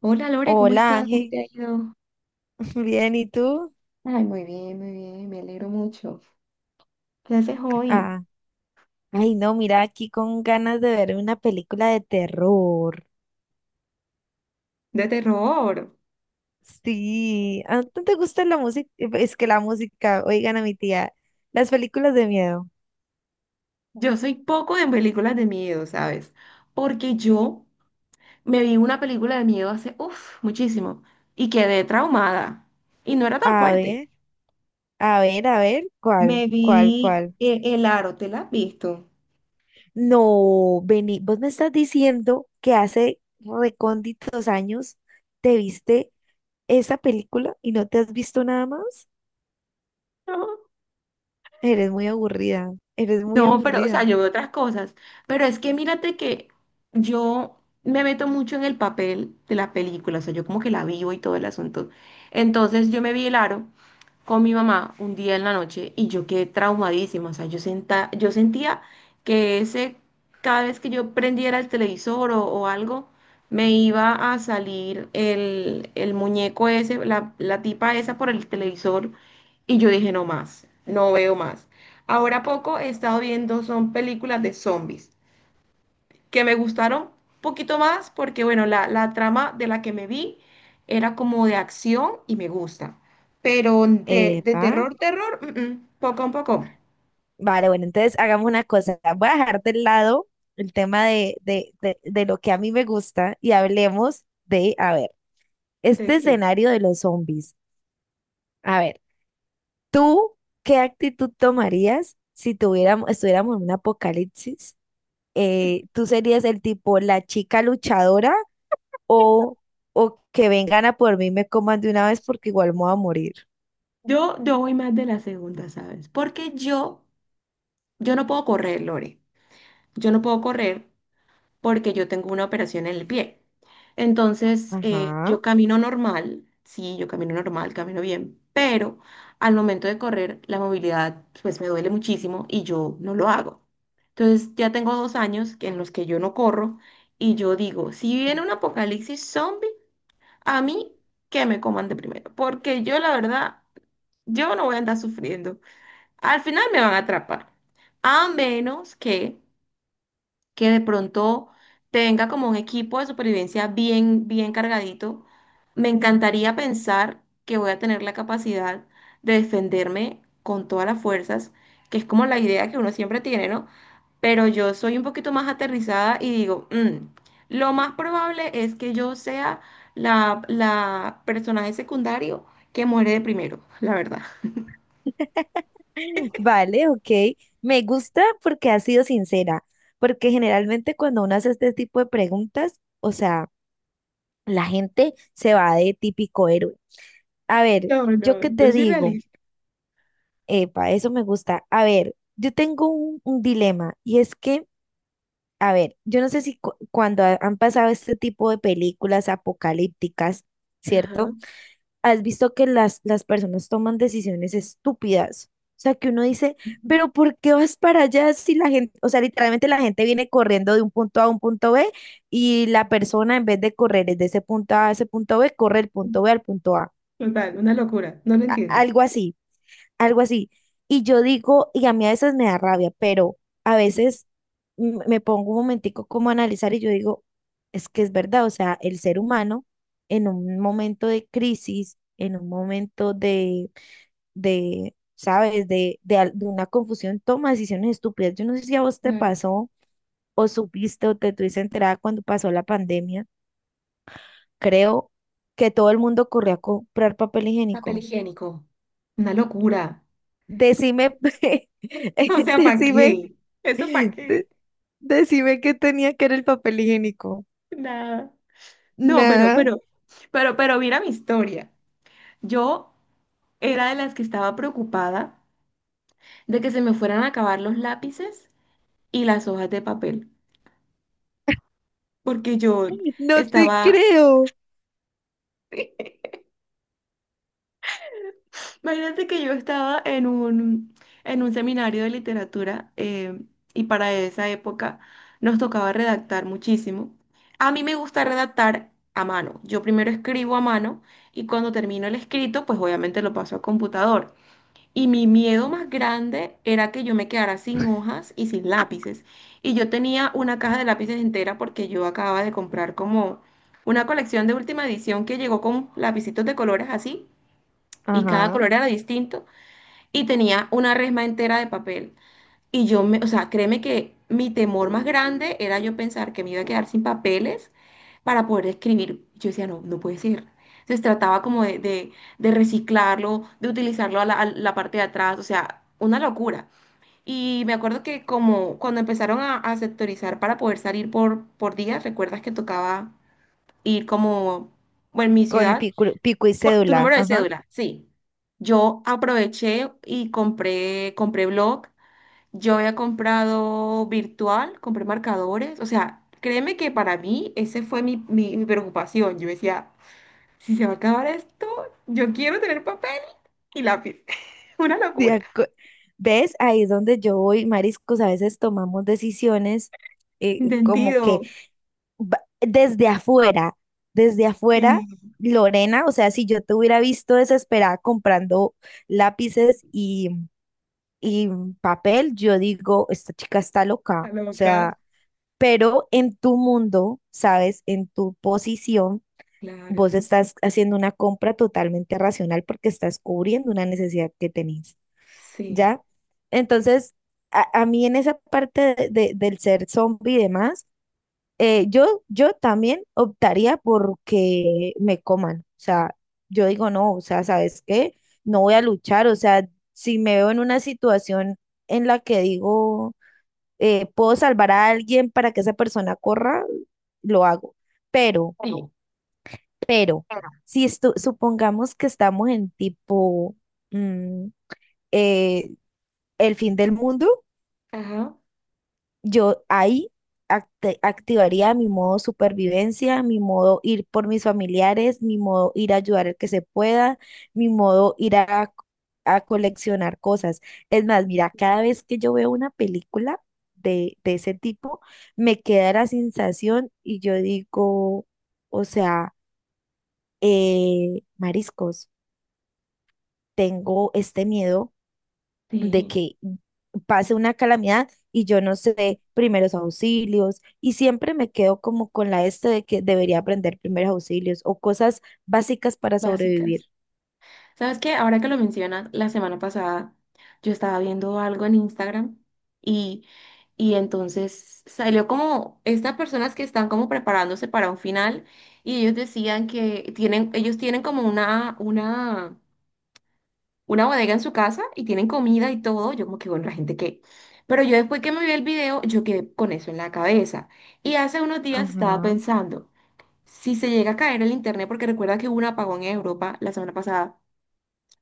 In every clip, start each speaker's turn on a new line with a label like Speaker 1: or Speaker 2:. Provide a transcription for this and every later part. Speaker 1: Hola Lore, ¿cómo
Speaker 2: Hola
Speaker 1: estás? ¿Cómo
Speaker 2: Ángel,
Speaker 1: te ha ido?
Speaker 2: bien, ¿y tú?
Speaker 1: Ay, muy bien, me alegro mucho. ¿Qué haces hoy?
Speaker 2: Ah, ay no, mira, aquí con ganas de ver una película de terror.
Speaker 1: De terror.
Speaker 2: Sí, ¿a ti te gusta la música? Es que la música, oigan a mi tía, las películas de miedo.
Speaker 1: Yo soy poco en películas de miedo, ¿sabes? Porque yo me vi una película de miedo hace, uff, muchísimo y quedé traumada. Y no era tan
Speaker 2: A
Speaker 1: fuerte.
Speaker 2: ver, a ver, a ver, ¿cuál,
Speaker 1: Me
Speaker 2: cuál,
Speaker 1: vi
Speaker 2: cuál?
Speaker 1: El Aro, ¿te la has visto?
Speaker 2: No, Beni, vos me estás diciendo que hace recónditos años te viste esa película y no te has visto nada más.
Speaker 1: No.
Speaker 2: Eres muy aburrida, eres muy
Speaker 1: No, pero, o sea,
Speaker 2: aburrida.
Speaker 1: yo veo otras cosas. Pero es que mírate que yo me meto mucho en el papel de la película, o sea, yo como que la vivo y todo el asunto. Entonces yo me vi El Aro con mi mamá un día en la noche y yo quedé traumadísima. O sea, yo sentía que ese, cada vez que yo prendiera el televisor o algo, me iba a salir el muñeco ese, la tipa esa por el televisor y yo dije, no más, no veo más. Ahora poco he estado viendo son películas de zombies que me gustaron un poquito más porque, bueno, la trama de la que me vi era como de acción y me gusta, pero de
Speaker 2: Epa.
Speaker 1: terror, terror, poco a poco.
Speaker 2: Vale, bueno, entonces hagamos una cosa. Voy a dejar de lado el tema de lo que a mí me gusta y hablemos de, a ver,
Speaker 1: ¿De
Speaker 2: este
Speaker 1: qué?
Speaker 2: escenario de los zombies. A ver, ¿tú qué actitud tomarías si estuviéramos en un apocalipsis? ¿Tú serías el tipo, la chica luchadora o, o que vengan a por mí y me coman de una vez porque igual me voy a morir?
Speaker 1: Yo voy más de la segunda, ¿sabes? Porque yo no puedo correr, Lore. Yo no puedo correr porque yo tengo una operación en el pie. Entonces,
Speaker 2: Ajá.
Speaker 1: yo camino normal, sí, yo camino normal, camino bien, pero al momento de correr, la movilidad pues me duele muchísimo y yo no lo hago. Entonces, ya tengo dos años en los que yo no corro y yo digo, si viene un apocalipsis zombie, a mí que me coman de primero, porque yo la verdad, yo no voy a andar sufriendo. Al final me van a atrapar, a menos que de pronto tenga como un equipo de supervivencia bien, bien cargadito. Me encantaría pensar que voy a tener la capacidad de defenderme con todas las fuerzas, que es como la idea que uno siempre tiene, ¿no? Pero yo soy un poquito más aterrizada y digo, "Mm, lo más probable es que yo sea la personaje secundario que muere de primero", la verdad.
Speaker 2: Vale, ok. Me gusta porque has sido sincera, porque generalmente cuando uno hace este tipo de preguntas, o sea, la gente se va de típico héroe. A ver,
Speaker 1: No,
Speaker 2: yo
Speaker 1: no,
Speaker 2: qué
Speaker 1: yo
Speaker 2: te
Speaker 1: soy
Speaker 2: digo,
Speaker 1: realista.
Speaker 2: epa, eso me gusta. A ver, yo tengo un dilema y es que, a ver, yo no sé si cuando han pasado este tipo de películas apocalípticas,
Speaker 1: Ajá,
Speaker 2: ¿cierto? Has visto que las personas toman decisiones estúpidas. O sea, que uno dice, pero ¿por qué vas para allá si la gente, o sea, literalmente la gente viene corriendo de un punto a un punto B y la persona en vez de correr desde ese punto A a ese punto B, corre el punto B al punto A.
Speaker 1: total, una locura. No lo entiendo.
Speaker 2: Algo así, algo así. Y yo digo, y a mí a veces me da rabia, pero a veces me pongo un momentico como a analizar y yo digo, es que es verdad, o sea, el ser humano en un momento de crisis, en un momento de ¿sabes?, de una confusión, toma decisiones estúpidas. Yo no sé si a vos te
Speaker 1: Claro.
Speaker 2: pasó o supiste o te tuviste enterada cuando pasó la pandemia, creo que todo el mundo corrió a comprar papel
Speaker 1: Papel
Speaker 2: higiénico.
Speaker 1: higiénico. Una locura.
Speaker 2: Decime,
Speaker 1: O sea, ¿para
Speaker 2: decime.
Speaker 1: qué? ¿Eso para qué?
Speaker 2: Decime qué tenía que era el papel higiénico.
Speaker 1: Nada. No,
Speaker 2: Nada,
Speaker 1: pero mira mi historia. Yo era de las que estaba preocupada de que se me fueran a acabar los lápices y las hojas de papel, porque yo
Speaker 2: no te
Speaker 1: estaba...
Speaker 2: creo.
Speaker 1: Imagínate que yo estaba en un seminario de literatura y para esa época nos tocaba redactar muchísimo. A mí me gusta redactar a mano. Yo primero escribo a mano y cuando termino el escrito, pues obviamente lo paso a computador. Y mi miedo más grande era que yo me quedara sin hojas y sin lápices. Y yo tenía una caja de lápices entera porque yo acababa de comprar como una colección de última edición que llegó con lapicitos de colores así y cada
Speaker 2: Ajá,
Speaker 1: color era distinto y tenía una resma entera de papel. Y yo me, o sea, créeme que mi temor más grande era yo pensar que me iba a quedar sin papeles para poder escribir. Yo decía, no, no puede ser. Entonces trataba como de reciclarlo, de utilizarlo a a la parte de atrás, o sea, una locura. Y me acuerdo que como cuando empezaron a sectorizar para poder salir por días, recuerdas que tocaba ir como, bueno, en mi
Speaker 2: con
Speaker 1: ciudad
Speaker 2: pico, pico y
Speaker 1: tu
Speaker 2: cédula.
Speaker 1: número de
Speaker 2: Ajá.
Speaker 1: cédula, sí. Yo aproveché y compré, compré blog, yo había comprado virtual, compré marcadores, o sea, créeme que para mí ese fue mi preocupación. Yo decía, si se va a acabar esto, yo quiero tener papel y lápiz. Una
Speaker 2: de
Speaker 1: locura.
Speaker 2: acu- ¿Ves? Ahí es donde yo voy, mariscos. A veces tomamos decisiones como
Speaker 1: Sentido.
Speaker 2: que va- desde afuera, desde afuera,
Speaker 1: Sí,
Speaker 2: Lorena, o sea, si yo te hubiera visto desesperada comprando lápices y papel, yo digo, esta chica está loca.
Speaker 1: la
Speaker 2: O
Speaker 1: loca.
Speaker 2: sea, pero en tu mundo, ¿sabes? En tu posición, vos
Speaker 1: Claro,
Speaker 2: estás haciendo una compra totalmente racional porque estás cubriendo una necesidad que tenés,
Speaker 1: sí.
Speaker 2: ¿ya? Entonces, a mí en esa parte del ser zombie y demás, yo, yo también optaría porque me coman, o sea, yo digo, no, o sea, ¿sabes qué? No voy a luchar, o sea, si me veo en una situación en la que digo puedo salvar a alguien para que esa persona corra, lo hago. Pero,
Speaker 1: Sí.
Speaker 2: pero, si supongamos que estamos en tipo mm, eh, el fin del mundo,
Speaker 1: Ajá,
Speaker 2: yo ahí activaría mi modo supervivencia, mi modo ir por mis familiares, mi modo ir a ayudar al que se pueda, mi modo ir a coleccionar cosas. Es más, mira, cada vez que yo veo una película de ese tipo, me queda la sensación y yo digo, o sea, mariscos, tengo este miedo de
Speaker 1: sí,
Speaker 2: que pase una calamidad y yo no sé primeros auxilios y siempre me quedo como con la este de que debería aprender primeros auxilios o cosas básicas para sobrevivir.
Speaker 1: básicas. ¿Sabes qué? Ahora que lo mencionas, la semana pasada yo estaba viendo algo en Instagram y, y entonces salió como estas personas que están como preparándose para un final y ellos decían que tienen, ellos tienen como una bodega en su casa y tienen comida y todo. Yo como que, bueno, la gente que... Pero yo después que me vi el video, yo quedé con eso en la cabeza. Y hace unos días estaba
Speaker 2: Ajá.
Speaker 1: pensando, si se llega a caer el internet, porque recuerda que hubo un apagón en Europa la semana pasada,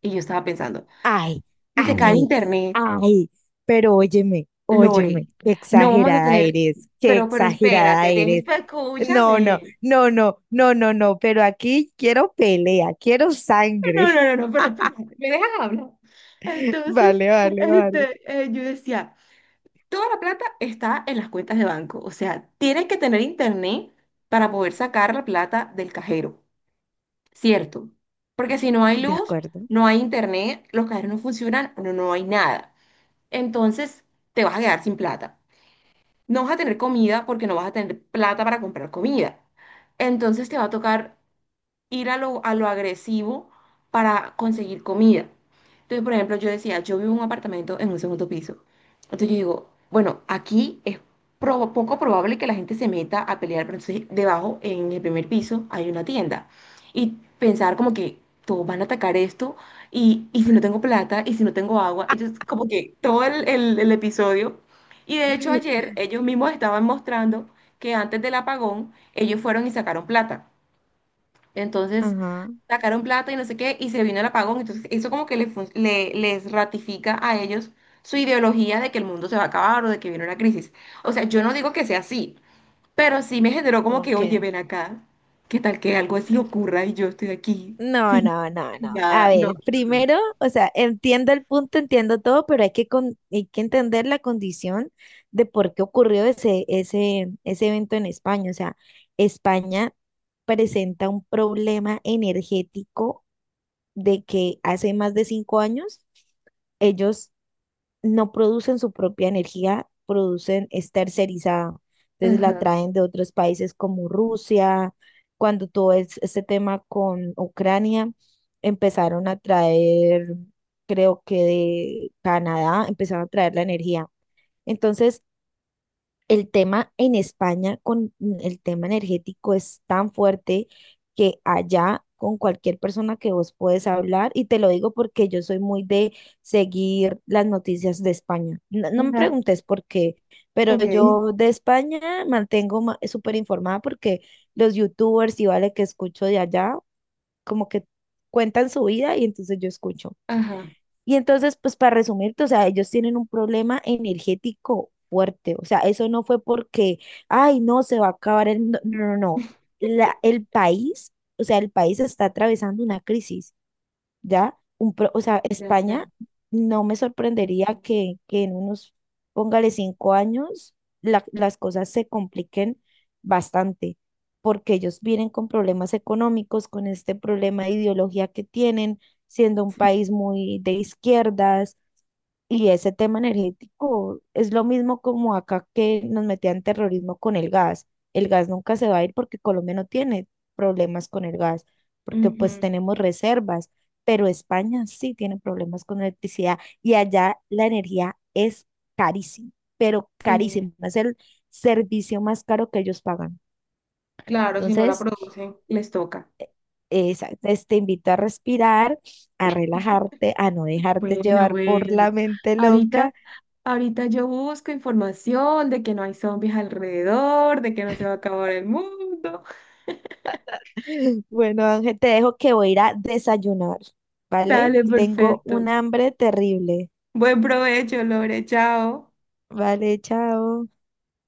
Speaker 1: y yo estaba pensando.
Speaker 2: Ay,
Speaker 1: Si se cae el
Speaker 2: ay,
Speaker 1: internet,
Speaker 2: ay, pero óyeme,
Speaker 1: Lore,
Speaker 2: óyeme, qué
Speaker 1: no vamos a
Speaker 2: exagerada
Speaker 1: tener,
Speaker 2: eres, qué
Speaker 1: pero
Speaker 2: exagerada
Speaker 1: espérate, dejes,
Speaker 2: eres.
Speaker 1: pero
Speaker 2: No, no,
Speaker 1: escúchame.
Speaker 2: no, no, no, no, no, pero aquí quiero pelea, quiero
Speaker 1: No,
Speaker 2: sangre.
Speaker 1: no, no, no, pero espérate, me dejas hablar. Entonces,
Speaker 2: Vale, vale, vale.
Speaker 1: este, yo decía, toda la plata está en las cuentas de banco, o sea, tienes que tener internet para poder sacar la plata del cajero, ¿cierto? Porque si no hay
Speaker 2: De
Speaker 1: luz,
Speaker 2: acuerdo.
Speaker 1: no hay internet, los cajeros no funcionan, no, no hay nada. Entonces, te vas a quedar sin plata. No vas a tener comida porque no vas a tener plata para comprar comida. Entonces te va a tocar ir a a lo agresivo para conseguir comida. Entonces, por ejemplo, yo decía, yo vivo en un apartamento en un segundo piso. Entonces yo digo, bueno, aquí es poco probable que la gente se meta a pelear, pero entonces debajo, en el primer piso, hay una tienda. Y pensar como que todos van a atacar esto, y si no tengo plata, y si no tengo agua, entonces como que todo el episodio. Y de hecho ayer ellos mismos estaban mostrando que antes del apagón ellos fueron y sacaron plata. Entonces
Speaker 2: Ajá.
Speaker 1: sacaron plata y no sé qué, y se vino el apagón. Entonces eso como que les ratifica a ellos su ideología de que el mundo se va a acabar o de que viene una crisis. O sea, yo no digo que sea así, pero sí me generó como que, oye,
Speaker 2: Ok.
Speaker 1: ven acá, ¿qué tal que algo así ocurra y yo estoy aquí
Speaker 2: No,
Speaker 1: sin
Speaker 2: no, no, no. A
Speaker 1: nada? No,
Speaker 2: ver,
Speaker 1: qué horror.
Speaker 2: primero, o sea, entiendo el punto, entiendo todo, pero hay que, hay que entender la condición de por qué ocurrió ese, ese, ese evento en España. O sea, España presenta un problema energético de que hace más de 5 años ellos no producen su propia energía, producen, es tercerizada. Entonces la
Speaker 1: Ajá,
Speaker 2: traen de otros países como Rusia. Cuando este tema con Ucrania, empezaron a traer, creo que de Canadá, empezaron a traer la energía. Entonces, el tema en España con el tema energético es tan fuerte que allá con cualquier persona que vos puedes hablar, y te lo digo porque yo soy muy de seguir las noticias de España. No, no me
Speaker 1: ajá,
Speaker 2: preguntes por qué, pero
Speaker 1: ok.
Speaker 2: yo de España mantengo súper informada porque los youtubers y vale que escucho de allá, como que cuentan su vida y entonces yo escucho.
Speaker 1: Ajá,
Speaker 2: Y entonces, pues para resumirte, o sea, ellos tienen un problema energético fuerte. O sea, eso no fue porque, ay, no, se va a acabar el mundo". No, no, no. La, el país, o sea, el país está atravesando una crisis. ¿Ya? O sea,
Speaker 1: ya,
Speaker 2: España
Speaker 1: ya.
Speaker 2: no me sorprendería que en unos, póngale 5 años, las cosas se compliquen bastante, porque ellos vienen con problemas económicos, con este problema de ideología que tienen, siendo un
Speaker 1: Sí.
Speaker 2: país muy de izquierdas, y ese tema energético es lo mismo como acá que nos metían terrorismo con el gas. El gas nunca se va a ir porque Colombia no tiene problemas con el gas, porque pues
Speaker 1: Ujú,
Speaker 2: tenemos reservas, pero España sí tiene problemas con electricidad y allá la energía es carísima, pero
Speaker 1: sí.
Speaker 2: carísima, es el servicio más caro que ellos pagan.
Speaker 1: Claro, si no la
Speaker 2: Entonces,
Speaker 1: producen, les toca.
Speaker 2: te invito a respirar, a relajarte, a no dejarte
Speaker 1: Bueno,
Speaker 2: llevar por
Speaker 1: bueno.
Speaker 2: la mente
Speaker 1: Ahorita
Speaker 2: loca.
Speaker 1: Ahorita yo busco información de que no hay zombies alrededor, de que no se va a acabar el mundo.
Speaker 2: Bueno, Ángel, te dejo que voy a ir a desayunar, ¿vale?
Speaker 1: Dale,
Speaker 2: Tengo
Speaker 1: perfecto.
Speaker 2: un hambre terrible.
Speaker 1: Buen provecho, Lore. Chao.
Speaker 2: Vale, chao.